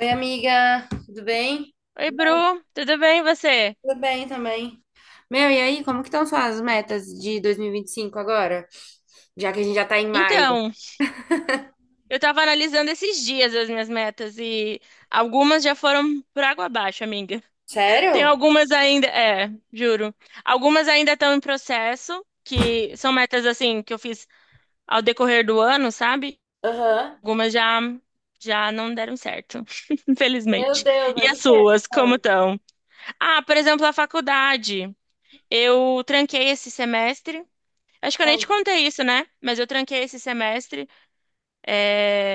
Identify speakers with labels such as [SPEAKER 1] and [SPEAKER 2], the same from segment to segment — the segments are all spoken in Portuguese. [SPEAKER 1] Oi, amiga, tudo bem?
[SPEAKER 2] Oi, Bru, tudo bem e você?
[SPEAKER 1] Tudo bem também. Meu, e aí, como que estão suas metas de 2025 agora? Já que a gente já tá em maio.
[SPEAKER 2] Então, eu tava analisando esses dias as minhas metas e algumas já foram por água abaixo, amiga. Tem
[SPEAKER 1] Sério?
[SPEAKER 2] algumas ainda, juro. Algumas ainda estão em processo, que são metas assim que eu fiz ao decorrer do ano, sabe?
[SPEAKER 1] Aham.
[SPEAKER 2] Algumas já não deram certo,
[SPEAKER 1] Meu
[SPEAKER 2] infelizmente.
[SPEAKER 1] Deus,
[SPEAKER 2] E
[SPEAKER 1] mas
[SPEAKER 2] as
[SPEAKER 1] o quê?
[SPEAKER 2] suas, como estão? Ah, por exemplo, a faculdade. Eu tranquei esse semestre. Acho que eu nem te
[SPEAKER 1] Ah.
[SPEAKER 2] contei isso, né? Mas eu tranquei esse semestre.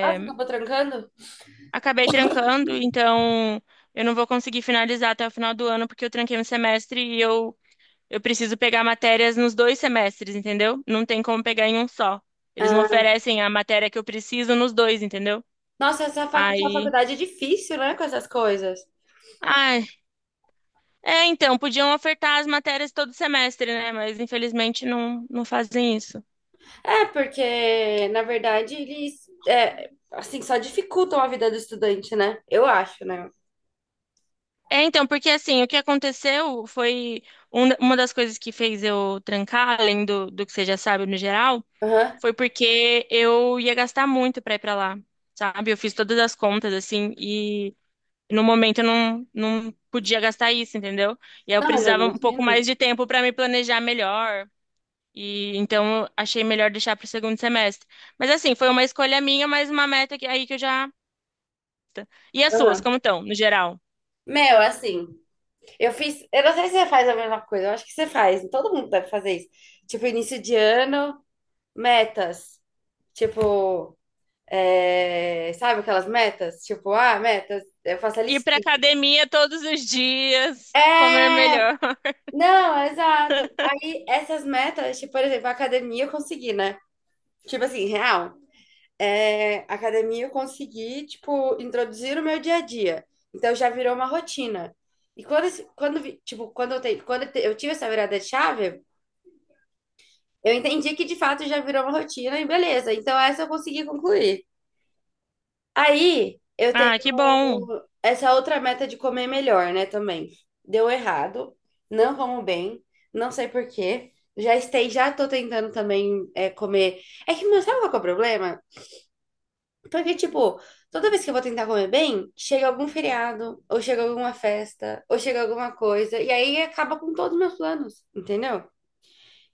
[SPEAKER 1] Ah, você acabou trancando?
[SPEAKER 2] Acabei trancando, então eu não vou conseguir finalizar até o final do ano, porque eu tranquei um semestre eu preciso pegar matérias nos dois semestres, entendeu? Não tem como pegar em um só. Eles não
[SPEAKER 1] Ah.
[SPEAKER 2] oferecem a matéria que eu preciso nos dois, entendeu?
[SPEAKER 1] Nossa, essa
[SPEAKER 2] Aí.
[SPEAKER 1] faculdade é difícil, né, com essas coisas.
[SPEAKER 2] Ai, é, então, podiam ofertar as matérias todo semestre, né? Mas infelizmente não, não fazem isso.
[SPEAKER 1] É, porque, na verdade, eles, assim, só dificultam a vida do estudante, né? Eu acho, né?
[SPEAKER 2] É, então, porque assim, o que aconteceu foi uma das coisas que fez eu trancar, além do que você já sabe no geral.
[SPEAKER 1] Aham.
[SPEAKER 2] Foi porque eu ia gastar muito pra ir pra lá, sabe? Eu fiz todas as contas, assim, e no momento eu não, não podia gastar isso, entendeu? E aí eu
[SPEAKER 1] Não, mas eu
[SPEAKER 2] precisava um pouco
[SPEAKER 1] imagino.
[SPEAKER 2] mais de tempo pra me planejar melhor. E então eu achei melhor deixar pro segundo semestre. Mas assim, foi uma escolha minha, mas uma meta que, aí que eu já. Tá. E as suas,
[SPEAKER 1] Aham.
[SPEAKER 2] como estão, no geral?
[SPEAKER 1] Meu, assim. Eu fiz, eu não sei se você faz a mesma coisa, eu acho que você faz, todo mundo deve fazer isso. Tipo, início de ano, metas. Tipo, sabe aquelas metas? Tipo, ah, metas, eu faço a
[SPEAKER 2] Ir pra
[SPEAKER 1] listinha.
[SPEAKER 2] academia todos os dias, comer
[SPEAKER 1] É,
[SPEAKER 2] melhor.
[SPEAKER 1] não, exato. Aí essas metas, tipo, por exemplo, a academia eu consegui, né? Tipo assim, real. É, a academia eu consegui, tipo, introduzir o meu dia a dia. Então já virou uma rotina. E quando, esse- quando, vi- tipo, quando eu te- eu tive essa virada de chave, eu entendi que de fato já virou uma rotina e beleza. Então essa eu consegui concluir. Aí eu tenho
[SPEAKER 2] Ah, que bom.
[SPEAKER 1] essa outra meta de comer melhor, né, também. Deu errado, não como bem, não sei por quê. Já tô tentando também comer. É que, meu, sabe qual que é o problema? Porque, tipo, toda vez que eu vou tentar comer bem, chega algum feriado, ou chega alguma festa, ou chega alguma coisa, e aí acaba com todos os meus planos, entendeu?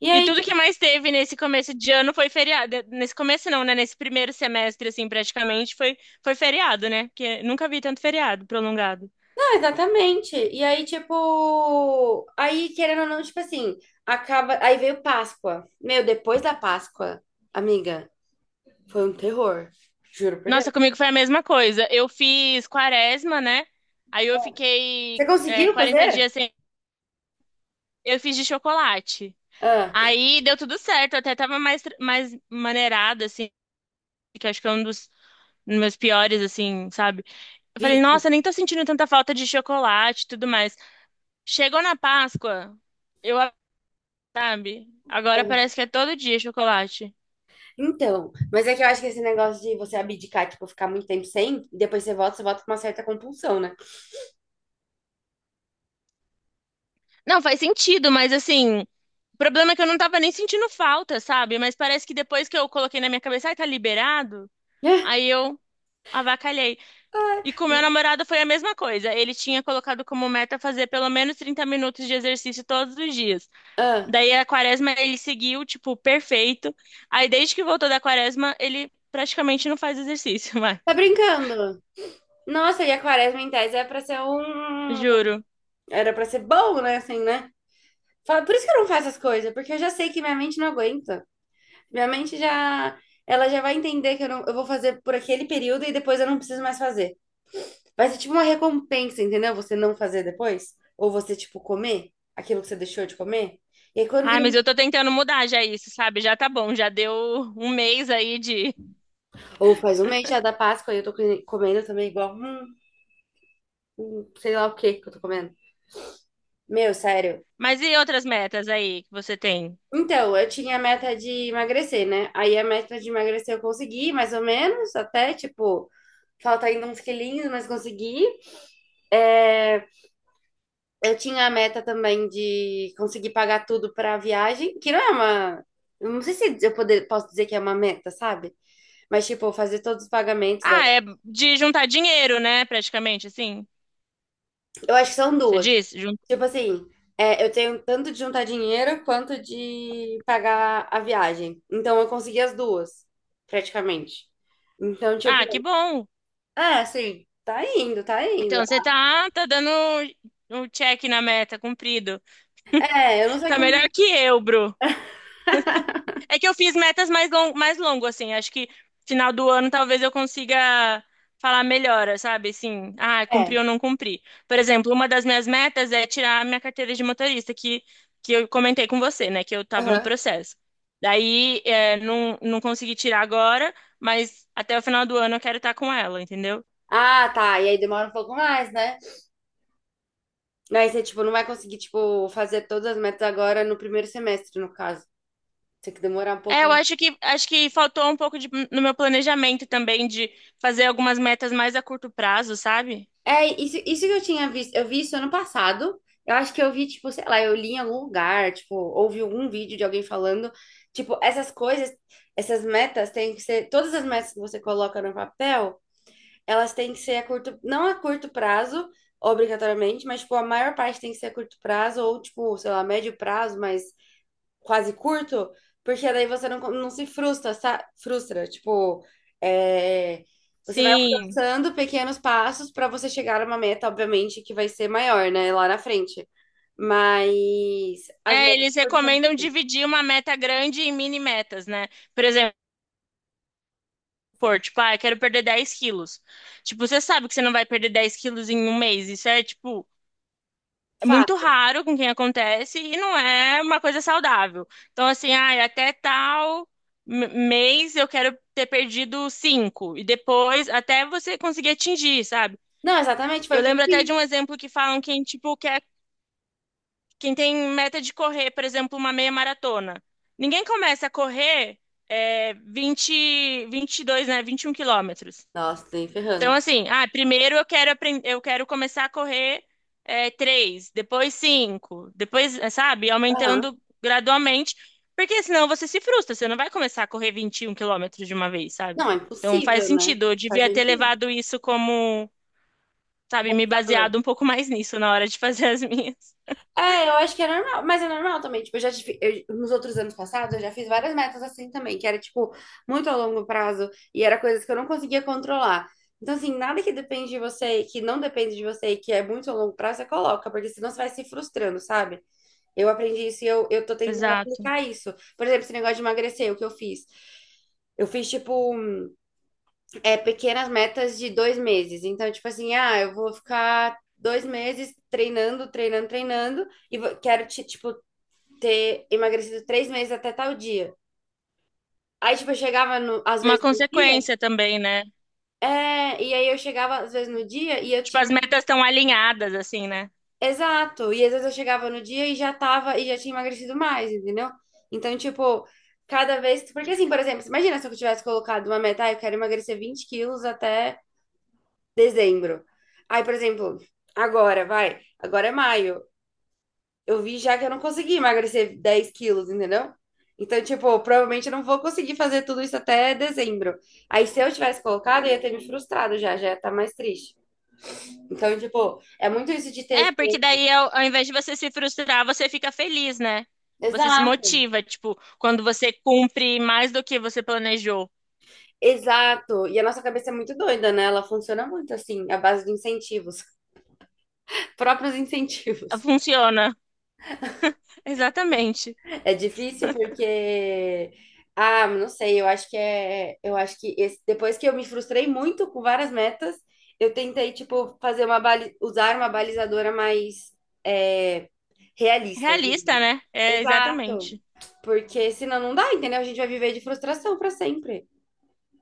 [SPEAKER 1] E
[SPEAKER 2] E
[SPEAKER 1] aí
[SPEAKER 2] tudo que mais teve nesse começo de ano foi feriado. Nesse começo não, né? Nesse primeiro semestre, assim, praticamente, foi feriado, né? Porque nunca vi tanto feriado prolongado.
[SPEAKER 1] exatamente. E aí, tipo, aí querendo ou não, tipo assim, acaba. Aí veio Páscoa. Meu, depois da Páscoa, amiga, foi um terror. Juro por Deus.
[SPEAKER 2] Nossa, comigo foi a mesma coisa. Eu fiz quaresma, né? Aí eu fiquei
[SPEAKER 1] Você conseguiu
[SPEAKER 2] 40
[SPEAKER 1] fazer?
[SPEAKER 2] dias sem... Eu fiz de chocolate.
[SPEAKER 1] Ah,
[SPEAKER 2] Aí deu tudo certo. Eu até tava mais, mais maneirada, assim, que acho que é um dos meus piores, assim, sabe? Eu falei,
[SPEAKER 1] vi.
[SPEAKER 2] nossa, nem tô sentindo tanta falta de chocolate e tudo mais. Chegou na Páscoa... Eu sabe? Agora parece que é todo dia chocolate.
[SPEAKER 1] Então, mas é que eu acho que esse negócio de você abdicar, tipo, ficar muito tempo sem, e depois você volta com uma certa compulsão, né?
[SPEAKER 2] Não, faz sentido, mas assim, o problema é que eu não tava nem sentindo falta, sabe? Mas parece que depois que eu coloquei na minha cabeça, ai, tá liberado, aí eu avacalhei.
[SPEAKER 1] Ah,
[SPEAKER 2] E com o meu namorado foi a mesma coisa. Ele tinha colocado como meta fazer pelo menos 30 minutos de exercício todos os dias.
[SPEAKER 1] ah,
[SPEAKER 2] Daí a quaresma ele seguiu, tipo, perfeito. Aí desde que voltou da quaresma, ele praticamente não faz exercício mais.
[SPEAKER 1] tá brincando? Nossa, e a quaresma em tese é pra ser um.
[SPEAKER 2] Juro.
[SPEAKER 1] Era pra ser bom, né? Assim, né? Fala, por isso que eu não faço as coisas, porque eu já sei que minha mente não aguenta. Minha mente já, ela já vai entender que eu não, eu vou fazer por aquele período e depois eu não preciso mais fazer. Vai ser tipo uma recompensa, entendeu? Você não fazer depois, ou você tipo comer aquilo que você deixou de comer. E aí quando
[SPEAKER 2] Ai,
[SPEAKER 1] vira,
[SPEAKER 2] mas eu tô tentando mudar já isso, sabe? Já tá bom, já deu um mês aí de.
[SPEAKER 1] ou faz um mês já da Páscoa e eu comendo também igual, sei lá o que que eu tô comendo. Meu, sério,
[SPEAKER 2] Mas e outras metas aí que você tem?
[SPEAKER 1] então, eu tinha a meta de emagrecer, né? Aí a meta de emagrecer eu consegui, mais ou menos, até, tipo, falta ainda uns quilinhos, mas consegui. É, eu tinha a meta também de conseguir pagar tudo pra viagem, que não é uma. Eu não sei se posso dizer que é uma meta, sabe? Mas, tipo, fazer todos os pagamentos
[SPEAKER 2] Ah, é de juntar dinheiro, né? Praticamente, assim.
[SPEAKER 1] Eu acho que são
[SPEAKER 2] Você
[SPEAKER 1] duas.
[SPEAKER 2] disse? Jun-
[SPEAKER 1] Tipo assim, é, eu tenho tanto de juntar dinheiro quanto de pagar a viagem. Então, eu consegui as duas, praticamente. Então,
[SPEAKER 2] Ah, que
[SPEAKER 1] tipo.
[SPEAKER 2] bom.
[SPEAKER 1] É, sim. Tá indo, tá indo.
[SPEAKER 2] Então você tá, tá dando um check na meta, cumprido.
[SPEAKER 1] É, eu não sei
[SPEAKER 2] Tá melhor
[SPEAKER 1] como.
[SPEAKER 2] que eu, Bru. É que eu fiz metas mais mais longo, assim. Acho que final do ano talvez eu consiga falar melhor, sabe? Assim, ah, cumpri
[SPEAKER 1] É.
[SPEAKER 2] ou não cumpri. Por exemplo, uma das minhas metas é tirar a minha carteira de motorista, que eu comentei com você, né? Que eu tava no
[SPEAKER 1] Aham.
[SPEAKER 2] processo. Daí, é, não, não consegui tirar agora, mas até o final do ano eu quero estar com ela, entendeu?
[SPEAKER 1] Ah, tá. E aí demora um pouco mais, né? Aí você, tipo, não vai conseguir, tipo, fazer todas as metas agora no primeiro semestre, no caso. Tem que demorar um
[SPEAKER 2] É,
[SPEAKER 1] pouco,
[SPEAKER 2] eu
[SPEAKER 1] né?
[SPEAKER 2] acho que faltou um pouco no meu planejamento também de fazer algumas metas mais a curto prazo, sabe?
[SPEAKER 1] É, isso que eu tinha visto. Eu vi isso ano passado. Eu acho que eu vi, tipo, sei lá, eu li em algum lugar, tipo, ouvi algum vídeo de alguém falando. Tipo, essas coisas, essas metas têm que ser. Todas as metas que você coloca no papel, elas têm que ser não a curto prazo, obrigatoriamente, mas tipo, a maior parte tem que ser a curto prazo, ou tipo, sei lá, médio prazo, mas quase curto, porque daí você não, não se frustra, frustra, tipo, é, você vai
[SPEAKER 2] Sim.
[SPEAKER 1] alcançando pequenos passos para você chegar a uma meta, obviamente, que vai ser maior, né, lá na frente. Mas as
[SPEAKER 2] É,
[SPEAKER 1] metas
[SPEAKER 2] eles
[SPEAKER 1] foram
[SPEAKER 2] recomendam dividir uma meta grande em mini metas, né? Por exemplo, pôr, tipo, ah, eu quero perder 10 quilos. Tipo, você sabe que você não vai perder 10 quilos em um mês. Isso é, tipo, é muito
[SPEAKER 1] fato.
[SPEAKER 2] raro com quem acontece e não é uma coisa saudável. Então, assim, ah, até tal mês eu quero ter perdido cinco. E depois, até você conseguir atingir, sabe?
[SPEAKER 1] Não, exatamente, foi
[SPEAKER 2] Eu
[SPEAKER 1] o que
[SPEAKER 2] lembro
[SPEAKER 1] eu
[SPEAKER 2] até de
[SPEAKER 1] fiz.
[SPEAKER 2] um exemplo que falam quem, tipo, quer quem tem meta de correr, por exemplo, uma meia maratona. Ninguém começa a correr é, vinte, 22, né, 21 quilômetros.
[SPEAKER 1] Nossa, tô nem
[SPEAKER 2] Então,
[SPEAKER 1] ferrando.
[SPEAKER 2] assim, ah, primeiro eu quero aprender, eu quero começar a correr 3, depois 5, depois, sabe,
[SPEAKER 1] Aham.
[SPEAKER 2] aumentando gradualmente, porque senão você se frustra, você não vai começar a correr 21 quilômetros de uma vez, sabe?
[SPEAKER 1] Não, é
[SPEAKER 2] Então faz
[SPEAKER 1] impossível, né?
[SPEAKER 2] sentido, eu
[SPEAKER 1] Não faz
[SPEAKER 2] devia ter
[SPEAKER 1] sentido.
[SPEAKER 2] levado isso como, sabe, me
[SPEAKER 1] Mas
[SPEAKER 2] baseado um pouco mais nisso na hora de fazer as minhas.
[SPEAKER 1] é, eu acho que é normal, mas é normal também. Tipo, eu já tive, eu- nos outros anos passados, eu já fiz várias metas assim também, que era, tipo, muito a longo prazo e era coisas que eu não conseguia controlar. Então, assim, nada que depende de você, que não depende de você e que é muito a longo prazo, você coloca, porque senão você vai se frustrando, sabe? Eu aprendi isso e eu tô tentando
[SPEAKER 2] Exato.
[SPEAKER 1] aplicar isso. Por exemplo, esse negócio de emagrecer, o que eu fiz? Eu fiz, tipo, pequenas metas de 2 meses. Então, tipo assim, ah, eu vou ficar 2 meses treinando, treinando, treinando, e quero, tipo, ter emagrecido 3 meses até tal dia. Aí, tipo, eu chegava no, às
[SPEAKER 2] Uma
[SPEAKER 1] vezes no dia,
[SPEAKER 2] consequência também, né?
[SPEAKER 1] e aí eu chegava às vezes no dia e eu
[SPEAKER 2] Tipo,
[SPEAKER 1] tinha.
[SPEAKER 2] as metas estão alinhadas, assim, né?
[SPEAKER 1] Exato. E às vezes eu chegava no dia e já tava, e já tinha emagrecido mais, entendeu? Então, tipo, cada vez. Porque assim, por exemplo, imagina se eu tivesse colocado uma meta, ah, eu quero emagrecer 20 quilos até dezembro. Aí, por exemplo, agora, vai, agora é maio. Eu vi já que eu não consegui emagrecer 10 quilos, entendeu? Então, tipo, provavelmente eu não vou conseguir fazer tudo isso até dezembro. Aí, se eu tivesse colocado, eu ia ter me frustrado já, já ia estar mais triste. Então, tipo, é muito isso de ter
[SPEAKER 2] É, porque
[SPEAKER 1] ciência.
[SPEAKER 2] daí, ao invés de você se frustrar, você fica feliz, né? Você se
[SPEAKER 1] Exato,
[SPEAKER 2] motiva, tipo, quando você cumpre mais do que você planejou.
[SPEAKER 1] exato. E a nossa cabeça é muito doida, né? Ela funciona muito assim, à base de incentivos, próprios incentivos.
[SPEAKER 2] Funciona. Exatamente.
[SPEAKER 1] É difícil porque ah, não sei, eu acho que esse- depois que eu me frustrei muito com várias metas, eu tentei tipo fazer uma usar uma balizadora mais é, realista, eu
[SPEAKER 2] Realista,
[SPEAKER 1] diria.
[SPEAKER 2] né? É,
[SPEAKER 1] Exato.
[SPEAKER 2] exatamente.
[SPEAKER 1] Porque senão não dá, entendeu? A gente vai viver de frustração pra sempre.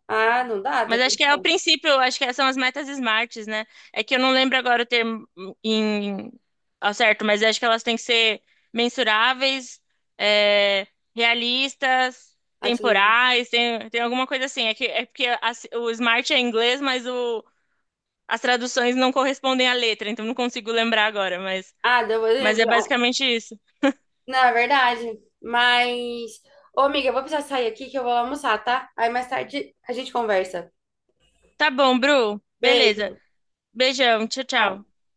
[SPEAKER 1] Ah, não dá, tá
[SPEAKER 2] Mas acho que é o
[SPEAKER 1] condição.
[SPEAKER 2] princípio, acho que são as metas smarts, né? É que eu não lembro agora o termo em, ao certo, mas acho que elas têm que ser mensuráveis, é, realistas,
[SPEAKER 1] Atingir.
[SPEAKER 2] temporais, tem alguma coisa assim. É que é porque o smart é em inglês, mas o- as traduções não correspondem à letra, então não consigo lembrar agora,
[SPEAKER 1] Ah, deu...
[SPEAKER 2] mas é
[SPEAKER 1] ah,
[SPEAKER 2] basicamente isso.
[SPEAKER 1] não, é verdade. Mas, ô amiga, eu vou precisar sair aqui que eu vou lá almoçar, tá? Aí mais tarde a gente conversa.
[SPEAKER 2] Tá bom, Bru. Beleza.
[SPEAKER 1] Beijo.
[SPEAKER 2] Beijão, tchau, tchau.
[SPEAKER 1] Ah,